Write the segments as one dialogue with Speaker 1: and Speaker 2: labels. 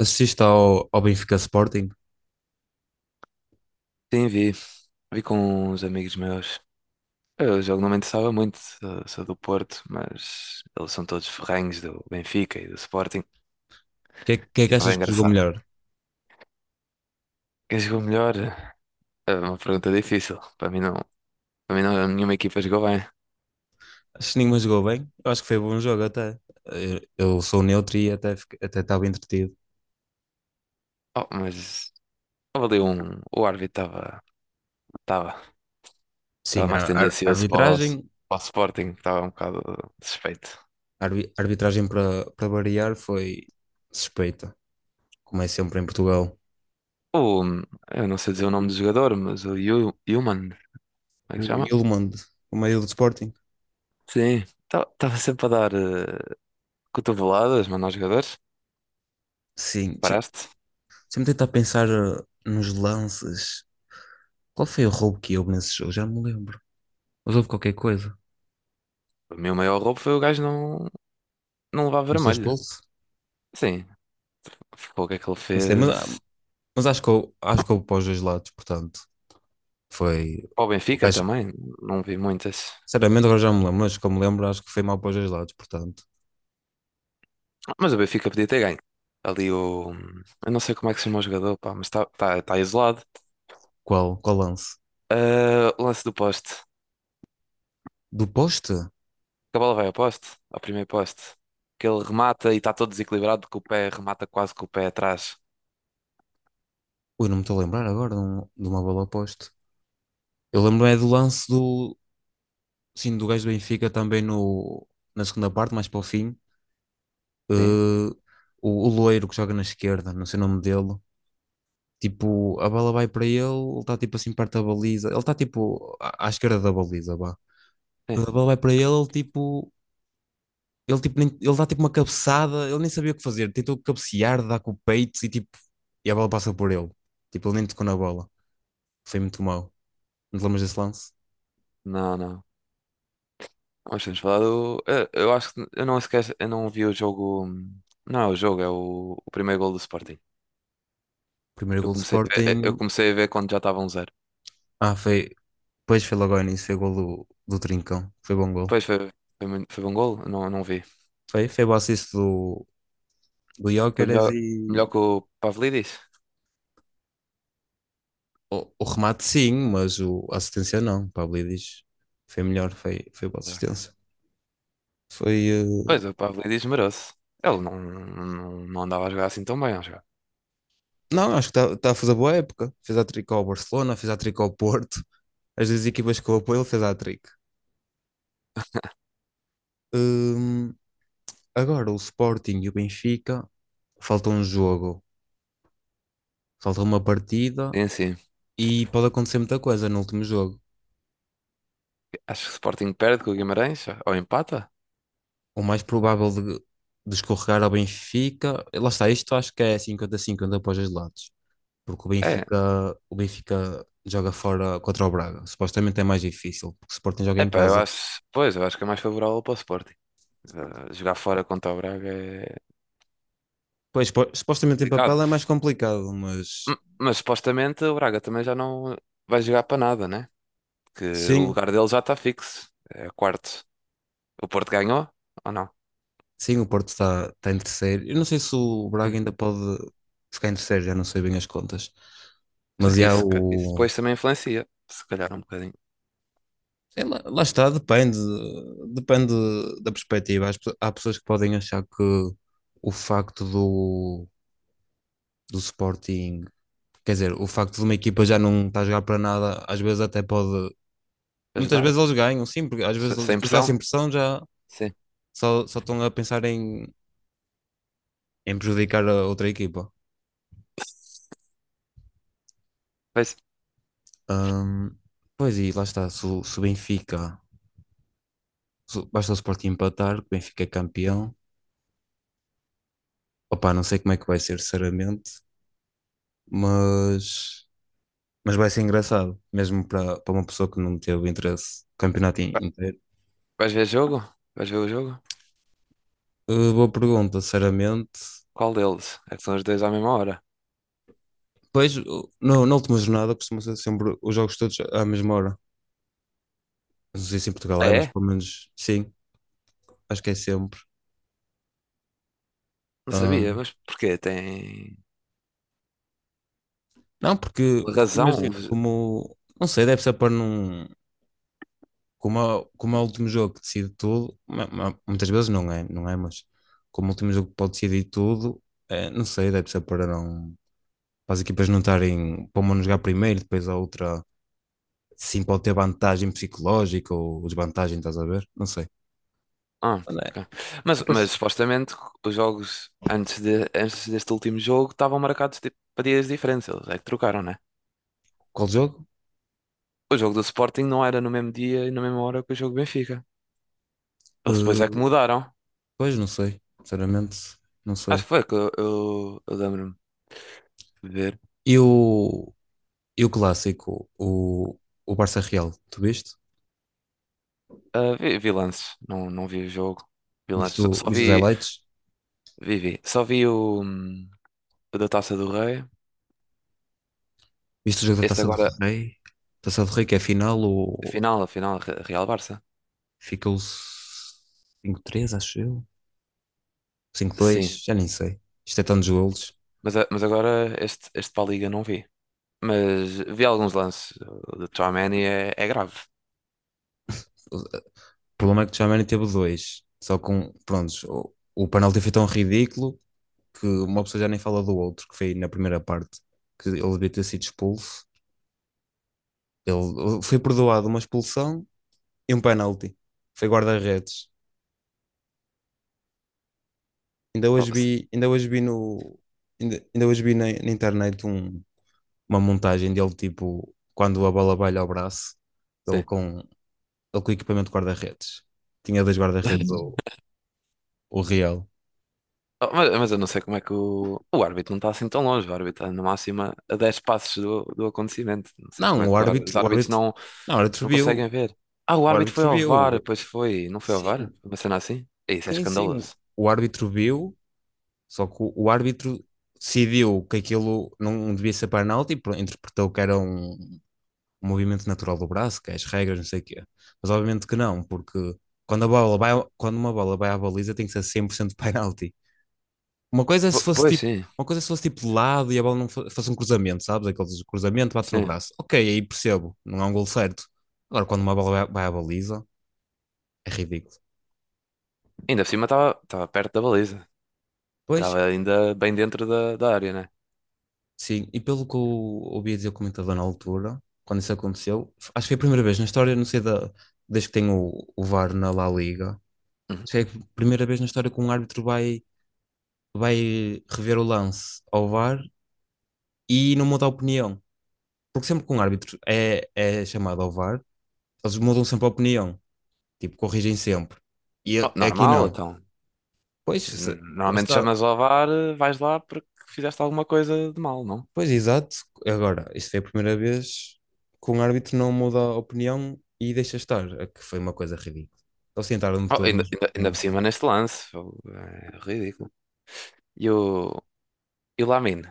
Speaker 1: Assististe ao Benfica Sporting,
Speaker 2: Sim, vi. Vi com uns amigos meus. Eu jogo não me interessava muito, sou do Porto, mas eles são todos ferrenhos do Benfica e do Sporting.
Speaker 1: que é, que é
Speaker 2: E
Speaker 1: que
Speaker 2: estava
Speaker 1: achas que jogou
Speaker 2: engraçado.
Speaker 1: melhor?
Speaker 2: Quem jogou melhor? É uma pergunta difícil. Para mim não, nenhuma equipa jogou bem.
Speaker 1: Acho que nenhuma jogou bem. Eu acho que foi bom jogo até. Eu sou neutro e até até estava entretido.
Speaker 2: Oh, mas estava ali um. O árbitro estava estava
Speaker 1: Sim,
Speaker 2: mais
Speaker 1: a
Speaker 2: tendencioso para o,
Speaker 1: arbitragem,
Speaker 2: para o Sporting, que estava um bocado suspeito.
Speaker 1: arbitragem para variar foi suspeita, como é sempre em Portugal.
Speaker 2: O, eu não sei dizer o nome do jogador, mas o Yuman, como é que se
Speaker 1: O
Speaker 2: chama?
Speaker 1: Ilmond, o meio do Sporting.
Speaker 2: Sim, estava sempre a dar, cotoveladas, mano, aos jogadores.
Speaker 1: Sim,
Speaker 2: Paraste.
Speaker 1: deixa-me tentar pensar nos lances. Qual foi o roubo que houve nesse jogo? Já não me lembro. Mas houve qualquer coisa.
Speaker 2: O meu maior roubo foi o gajo não levar
Speaker 1: Não sei,
Speaker 2: vermelho.
Speaker 1: expulso?
Speaker 2: Sim, ficou o que é que ele
Speaker 1: Não sei, mas, ah,
Speaker 2: fez.
Speaker 1: Mas acho que eu para os dois lados, portanto, foi
Speaker 2: Para o
Speaker 1: o
Speaker 2: Benfica
Speaker 1: gajo.
Speaker 2: também, não vi muitas.
Speaker 1: Sinceramente, agora já me lembro, mas como me lembro, acho que foi mal para os dois lados, portanto.
Speaker 2: Mas o Benfica podia ter ganho. Ali o. Eu não sei como é que se chama o jogador, pá, mas está tá, tá tá isolado.
Speaker 1: Qual lance?
Speaker 2: Ah, o lance do poste.
Speaker 1: Do poste?
Speaker 2: Que a bola vai ao poste, ao primeiro poste. Que ele remata e está todo desequilibrado, que o pé remata quase com o pé atrás.
Speaker 1: Ui, não me estou a lembrar agora de uma bola ao poste. Eu lembro é do lance do, sim, do gajo do Benfica também no, na segunda parte, mais para o fim.
Speaker 2: Sim,
Speaker 1: Eh, o loiro que joga na esquerda, não sei o nome dele. Tipo, a bola vai para ele, ele está tipo assim perto da baliza. Ele está tipo à esquerda da baliza, vá.
Speaker 2: sim.
Speaker 1: A bola vai para ele, ele dá tipo uma cabeçada, ele nem sabia o que fazer. Tentou cabecear, dar com o peito e tipo. E a bola passa por ele. Tipo, ele nem tocou na bola. Foi muito mau. Não te lembras desse lance?
Speaker 2: Não, não. Nós temos falado. Eu acho que eu não esquece, eu não vi o jogo. Não é o jogo, é o primeiro gol do Sporting.
Speaker 1: Primeiro
Speaker 2: Eu
Speaker 1: gol do
Speaker 2: comecei, a ver- eh, eu
Speaker 1: Sporting.
Speaker 2: comecei a ver quando já estava 1-0.
Speaker 1: Ah, foi. Depois foi logo ao início, foi gol do Trincão. Foi bom gol.
Speaker 2: Pois foi, foi bom gol? Eu não vi.
Speaker 1: Foi o assist do
Speaker 2: Foi
Speaker 1: Gyökeres
Speaker 2: melhor,
Speaker 1: e.
Speaker 2: melhor que o Pavlidis.
Speaker 1: O remate sim, mas o, a assistência não. Pablo diz. Foi melhor, foi boa assistência. Foi.
Speaker 2: Pois, o Pavlidis merece. Ele não andava a jogar assim tão bem, a jogar.
Speaker 1: Não, acho que está a fazer boa época. Fez a tricô ao Barcelona, fez a tricô ao Porto. As duas equipas que eu apoio, ele fez hat-trick. Hum, Agora o Sporting e o Benfica, falta um jogo, falta uma partida
Speaker 2: Sim, sim.
Speaker 1: e pode acontecer muita coisa no último jogo.
Speaker 2: Acho que o Sporting perde com o Guimarães, ou empata?
Speaker 1: O mais provável de escorregar ao Benfica, lá está, isto acho que é 50-50 para os dois lados, porque o
Speaker 2: É.
Speaker 1: Benfica, o Benfica joga fora contra o Braga, supostamente é mais difícil, porque o Sporting joga em
Speaker 2: Epá, eu
Speaker 1: casa.
Speaker 2: acho. Pois, eu acho que é mais favorável para o Sporting. Jogar fora contra o Braga é
Speaker 1: Pois, supostamente em
Speaker 2: complicado.
Speaker 1: papel é mais complicado, mas
Speaker 2: Mas supostamente o Braga também já não vai jogar para nada, né? Que o
Speaker 1: sim.
Speaker 2: lugar dele já está fixo. É quarto. O Porto ganhou ou não?
Speaker 1: Sim, o Porto está em terceiro. Eu não sei se o Braga
Speaker 2: Sim.
Speaker 1: ainda pode ficar em terceiro, já não sei bem as contas.
Speaker 2: Mas é
Speaker 1: Mas
Speaker 2: que
Speaker 1: já
Speaker 2: isso
Speaker 1: o.
Speaker 2: depois também influencia, se calhar um bocadinho.
Speaker 1: Sei lá, lá está, depende. Depende da perspectiva. Há pessoas que podem achar que o facto do Sporting. Quer dizer, o facto de uma equipa já não estar a jogar para nada, às vezes até pode. Muitas vezes
Speaker 2: Ajudar?
Speaker 1: eles ganham, sim, porque às vezes
Speaker 2: Sem
Speaker 1: tu já sem
Speaker 2: pressão?
Speaker 1: pressão já
Speaker 2: Sim.
Speaker 1: só estão a pensar em prejudicar a outra equipa.
Speaker 2: Vais,
Speaker 1: Ahm, Pois e lá está, se, o se o Benfica, se o- basta o Sporting empatar, que o Benfica é campeão. Opa, não sei como é que vai ser, sinceramente, mas, mas, vai ser engraçado, mesmo para uma pessoa que não teve interesse no campeonato
Speaker 2: vai-
Speaker 1: inteiro.
Speaker 2: vais ver jogo? Vais ver o jogo?
Speaker 1: Boa pergunta, sinceramente.
Speaker 2: Qual deles? É que são os dois à mesma hora.
Speaker 1: Pois, o- no, na última jornada costuma ser sempre os jogos todos à mesma hora. Não sei se em Portugal
Speaker 2: Ah,
Speaker 1: é, mas
Speaker 2: é?
Speaker 1: pelo menos sim, acho que é sempre.
Speaker 2: Não sabia,
Speaker 1: Ahm,
Speaker 2: mas porquê? Tem
Speaker 1: não, porque
Speaker 2: razão?
Speaker 1: imagina, como, não sei, deve ser para não. Como é o último jogo que decide tudo, muitas vezes não é, mas como o último jogo que pode decidir tudo, não sei, deve ser para não, para as equipas não estarem, para uma não jogar primeiro, depois a outra, sim, pode ter vantagem psicológica ou desvantagem, estás a ver? Não sei.
Speaker 2: Ah,
Speaker 1: Não é?
Speaker 2: ok.
Speaker 1: É
Speaker 2: Mas,
Speaker 1: para
Speaker 2: mas
Speaker 1: se-
Speaker 2: supostamente os jogos antes, antes deste último jogo estavam marcados tipo, para dias diferentes. Eles é que trocaram, né?
Speaker 1: Qual jogo?
Speaker 2: O jogo do Sporting não era no mesmo dia e na mesma hora que o jogo do Benfica. Eles depois é que
Speaker 1: Eh,
Speaker 2: mudaram.
Speaker 1: Pois, não sei, sinceramente, não sei.
Speaker 2: Acho que foi que eu lembro-me de ver.
Speaker 1: E o, e o clássico, o Barça Real, tu viste?
Speaker 2: Ah, vi lances, não vi o jogo. Vi
Speaker 1: Viste,
Speaker 2: lances, só
Speaker 1: o-
Speaker 2: só
Speaker 1: viste os
Speaker 2: vi,
Speaker 1: highlights?
Speaker 2: vi, vi. Só vi o da Taça do Rei.
Speaker 1: Viste o jogo da
Speaker 2: Este
Speaker 1: Taça do
Speaker 2: agora,
Speaker 1: Rei? Taça do Rei que é a final,
Speaker 2: a
Speaker 1: o...
Speaker 2: final, a final, Real Barça.
Speaker 1: Ficou 5 três acho eu. 5
Speaker 2: Sim,
Speaker 1: dois já nem sei. Isto é tantos golos.
Speaker 2: mas, mas agora este para a Liga não vi. Mas vi alguns lances do Tchouaméni, é grave.
Speaker 1: O problema é que o Tchouaméni teve dois. Só com, prontos, o penalti foi tão ridículo que uma pessoa já nem fala do outro, que foi na primeira parte, que ele devia ter sido expulso. Ele foi perdoado uma expulsão e um penalti. Foi guarda-redes.
Speaker 2: Oh,
Speaker 1: Ainda hoje vi no, ainda, Ainda hoje vi na internet uma montagem dele, tipo, quando a bola vai ao braço, ele
Speaker 2: sim.
Speaker 1: com, ele com equipamento de guarda-redes. Tinha dois guarda-redes, o, o Real.
Speaker 2: Oh, mas eu não sei como é que o árbitro não está assim tão longe. O árbitro está na máxima a 10 passos do acontecimento. Não sei como
Speaker 1: Não,
Speaker 2: é que os árbitros não,
Speaker 1: não, o árbitro
Speaker 2: não
Speaker 1: viu,
Speaker 2: conseguem ver. Ah, o
Speaker 1: o
Speaker 2: árbitro foi
Speaker 1: árbitro
Speaker 2: ao VAR,
Speaker 1: viu.
Speaker 2: pois foi. Não foi ao VAR?
Speaker 1: Sim,
Speaker 2: Foi uma cena assim? Isso é
Speaker 1: sim, sim.
Speaker 2: escandaloso.
Speaker 1: O árbitro viu, só que o árbitro decidiu que aquilo não devia ser penalti, e interpretou que era um movimento natural do braço, que é as regras, não sei o quê. Mas obviamente que não, porque quando a bola vai, quando uma bola vai à baliza tem que ser 100% penalti. Uma coisa é se fosse
Speaker 2: Pois
Speaker 1: tipo,
Speaker 2: sim,
Speaker 1: uma coisa é se fosse tipo de lado e a bola não fosse um cruzamento, sabes? Aqueles cruzamento, bate no
Speaker 2: sim.
Speaker 1: braço. Ok, aí percebo, não é um gol certo. Agora, quando uma bola vai à baliza, é ridículo.
Speaker 2: Ainda por cima estava perto da baliza.
Speaker 1: Pois,
Speaker 2: Estava ainda bem dentro da área, né?
Speaker 1: sim, e pelo que eu ouvi dizer o comentador na altura, quando isso aconteceu, acho que foi a primeira vez na história, não sei da, desde que tem o VAR na La Liga,
Speaker 2: Uhum.
Speaker 1: acho que é a primeira vez na história que um árbitro vai, rever o lance ao VAR e não muda a opinião. Porque sempre que um árbitro é chamado ao VAR, eles mudam sempre a opinião. Tipo, corrigem sempre. E
Speaker 2: Oh,
Speaker 1: aqui
Speaker 2: normal,
Speaker 1: não.
Speaker 2: então.
Speaker 1: Pois, lá
Speaker 2: Normalmente
Speaker 1: está.
Speaker 2: chamas ao VAR, vais lá porque fizeste alguma coisa de mal, não?
Speaker 1: Pois, exato. Agora, isto foi a primeira vez que um árbitro não muda a opinião e deixa estar, a que foi uma coisa ridícula. Eles tentaram-me
Speaker 2: Oh,
Speaker 1: todo,
Speaker 2: ainda,
Speaker 1: mas
Speaker 2: ainda, ainda
Speaker 1: mesmo
Speaker 2: por cima
Speaker 1: assim.
Speaker 2: neste lance. Oh, é ridículo. E o, e o Lamine?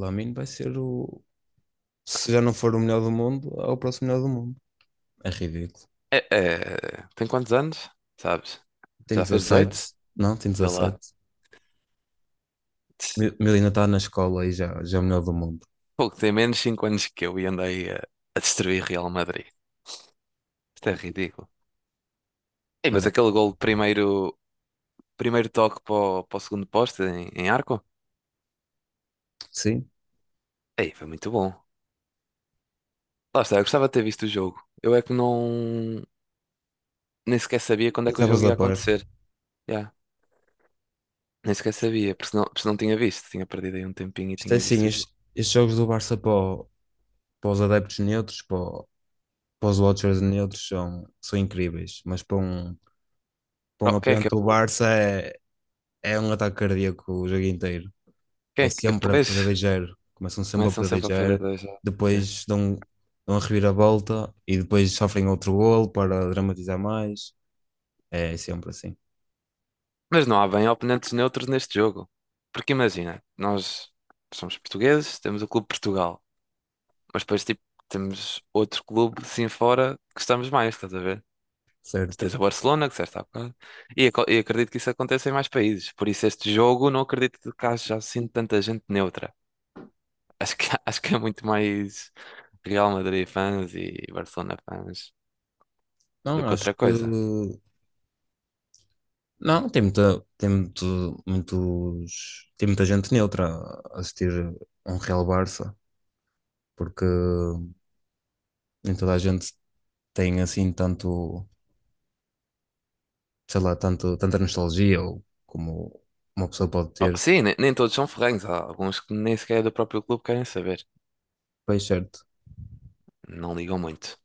Speaker 1: Lamine vai ser o. Se já não for o melhor do mundo, é o próximo melhor do mundo. É ridículo.
Speaker 2: É, tem quantos anos? Sabes?
Speaker 1: Tem
Speaker 2: Já fez
Speaker 1: Ele
Speaker 2: 18.
Speaker 1: Não, tem
Speaker 2: Vê lá.
Speaker 1: 17. Milena está na escola e já, é o melhor do mundo.
Speaker 2: Pouco tem menos 5 anos que eu e andei a destruir Real Madrid. Isto é ridículo. Ei,
Speaker 1: Não
Speaker 2: mas
Speaker 1: é?
Speaker 2: aquele gol de primeiro toque para o segundo poste em arco?
Speaker 1: Sim.
Speaker 2: Ei, foi muito bom. Lá está, eu gostava de ter visto o jogo. Eu é que não. Nem sequer sabia quando
Speaker 1: E
Speaker 2: é que o
Speaker 1: estavas
Speaker 2: jogo
Speaker 1: a
Speaker 2: ia
Speaker 1: par.
Speaker 2: acontecer. Yeah, nem sequer sabia, porque senão tinha visto. Tinha perdido aí um tempinho e
Speaker 1: Isto é
Speaker 2: tinha visto
Speaker 1: assim,
Speaker 2: o jogo.
Speaker 1: estes jogos do Barça para os adeptos neutros, para os Watchers neutros são incríveis, mas para um, para
Speaker 2: Oh,
Speaker 1: um
Speaker 2: quem é que
Speaker 1: apoiante
Speaker 2: é?
Speaker 1: do Barça é um ataque cardíaco o jogo inteiro.
Speaker 2: Quem
Speaker 1: É
Speaker 2: é que...
Speaker 1: sempre a
Speaker 2: Pois,
Speaker 1: proteger, começam sempre a
Speaker 2: começam sempre a perder
Speaker 1: proteger,
Speaker 2: dois já. Sim.
Speaker 1: depois dão a reviravolta e depois sofrem outro golo para dramatizar mais. É sempre assim,
Speaker 2: Mas não há bem oponentes neutros neste jogo. Porque imagina, nós somos portugueses, temos o Clube Portugal, mas depois tipo, temos outro clube assim fora que gostamos mais, estás a ver? Tu
Speaker 1: certo?
Speaker 2: tens o Barcelona, que disseste há bocado, e acredito que isso aconteça em mais países. Por isso este jogo não acredito que haja assim tanta gente neutra. Acho que, acho que é muito mais Real Madrid fãs e Barcelona fãs do
Speaker 1: Não,
Speaker 2: que
Speaker 1: acho
Speaker 2: outra
Speaker 1: que.
Speaker 2: coisa.
Speaker 1: Não, tem muita, tem muito, muitos, tem muita gente neutra a assistir a um Real Barça, porque nem toda a gente tem assim tanto sei lá, tanto, tanta nostalgia ou como uma pessoa pode
Speaker 2: Oh,
Speaker 1: ter,
Speaker 2: sim, nem todos são ferrenhos. Há alguns que nem sequer é do próprio clube querem saber.
Speaker 1: pois certo.
Speaker 2: Não ligam muito.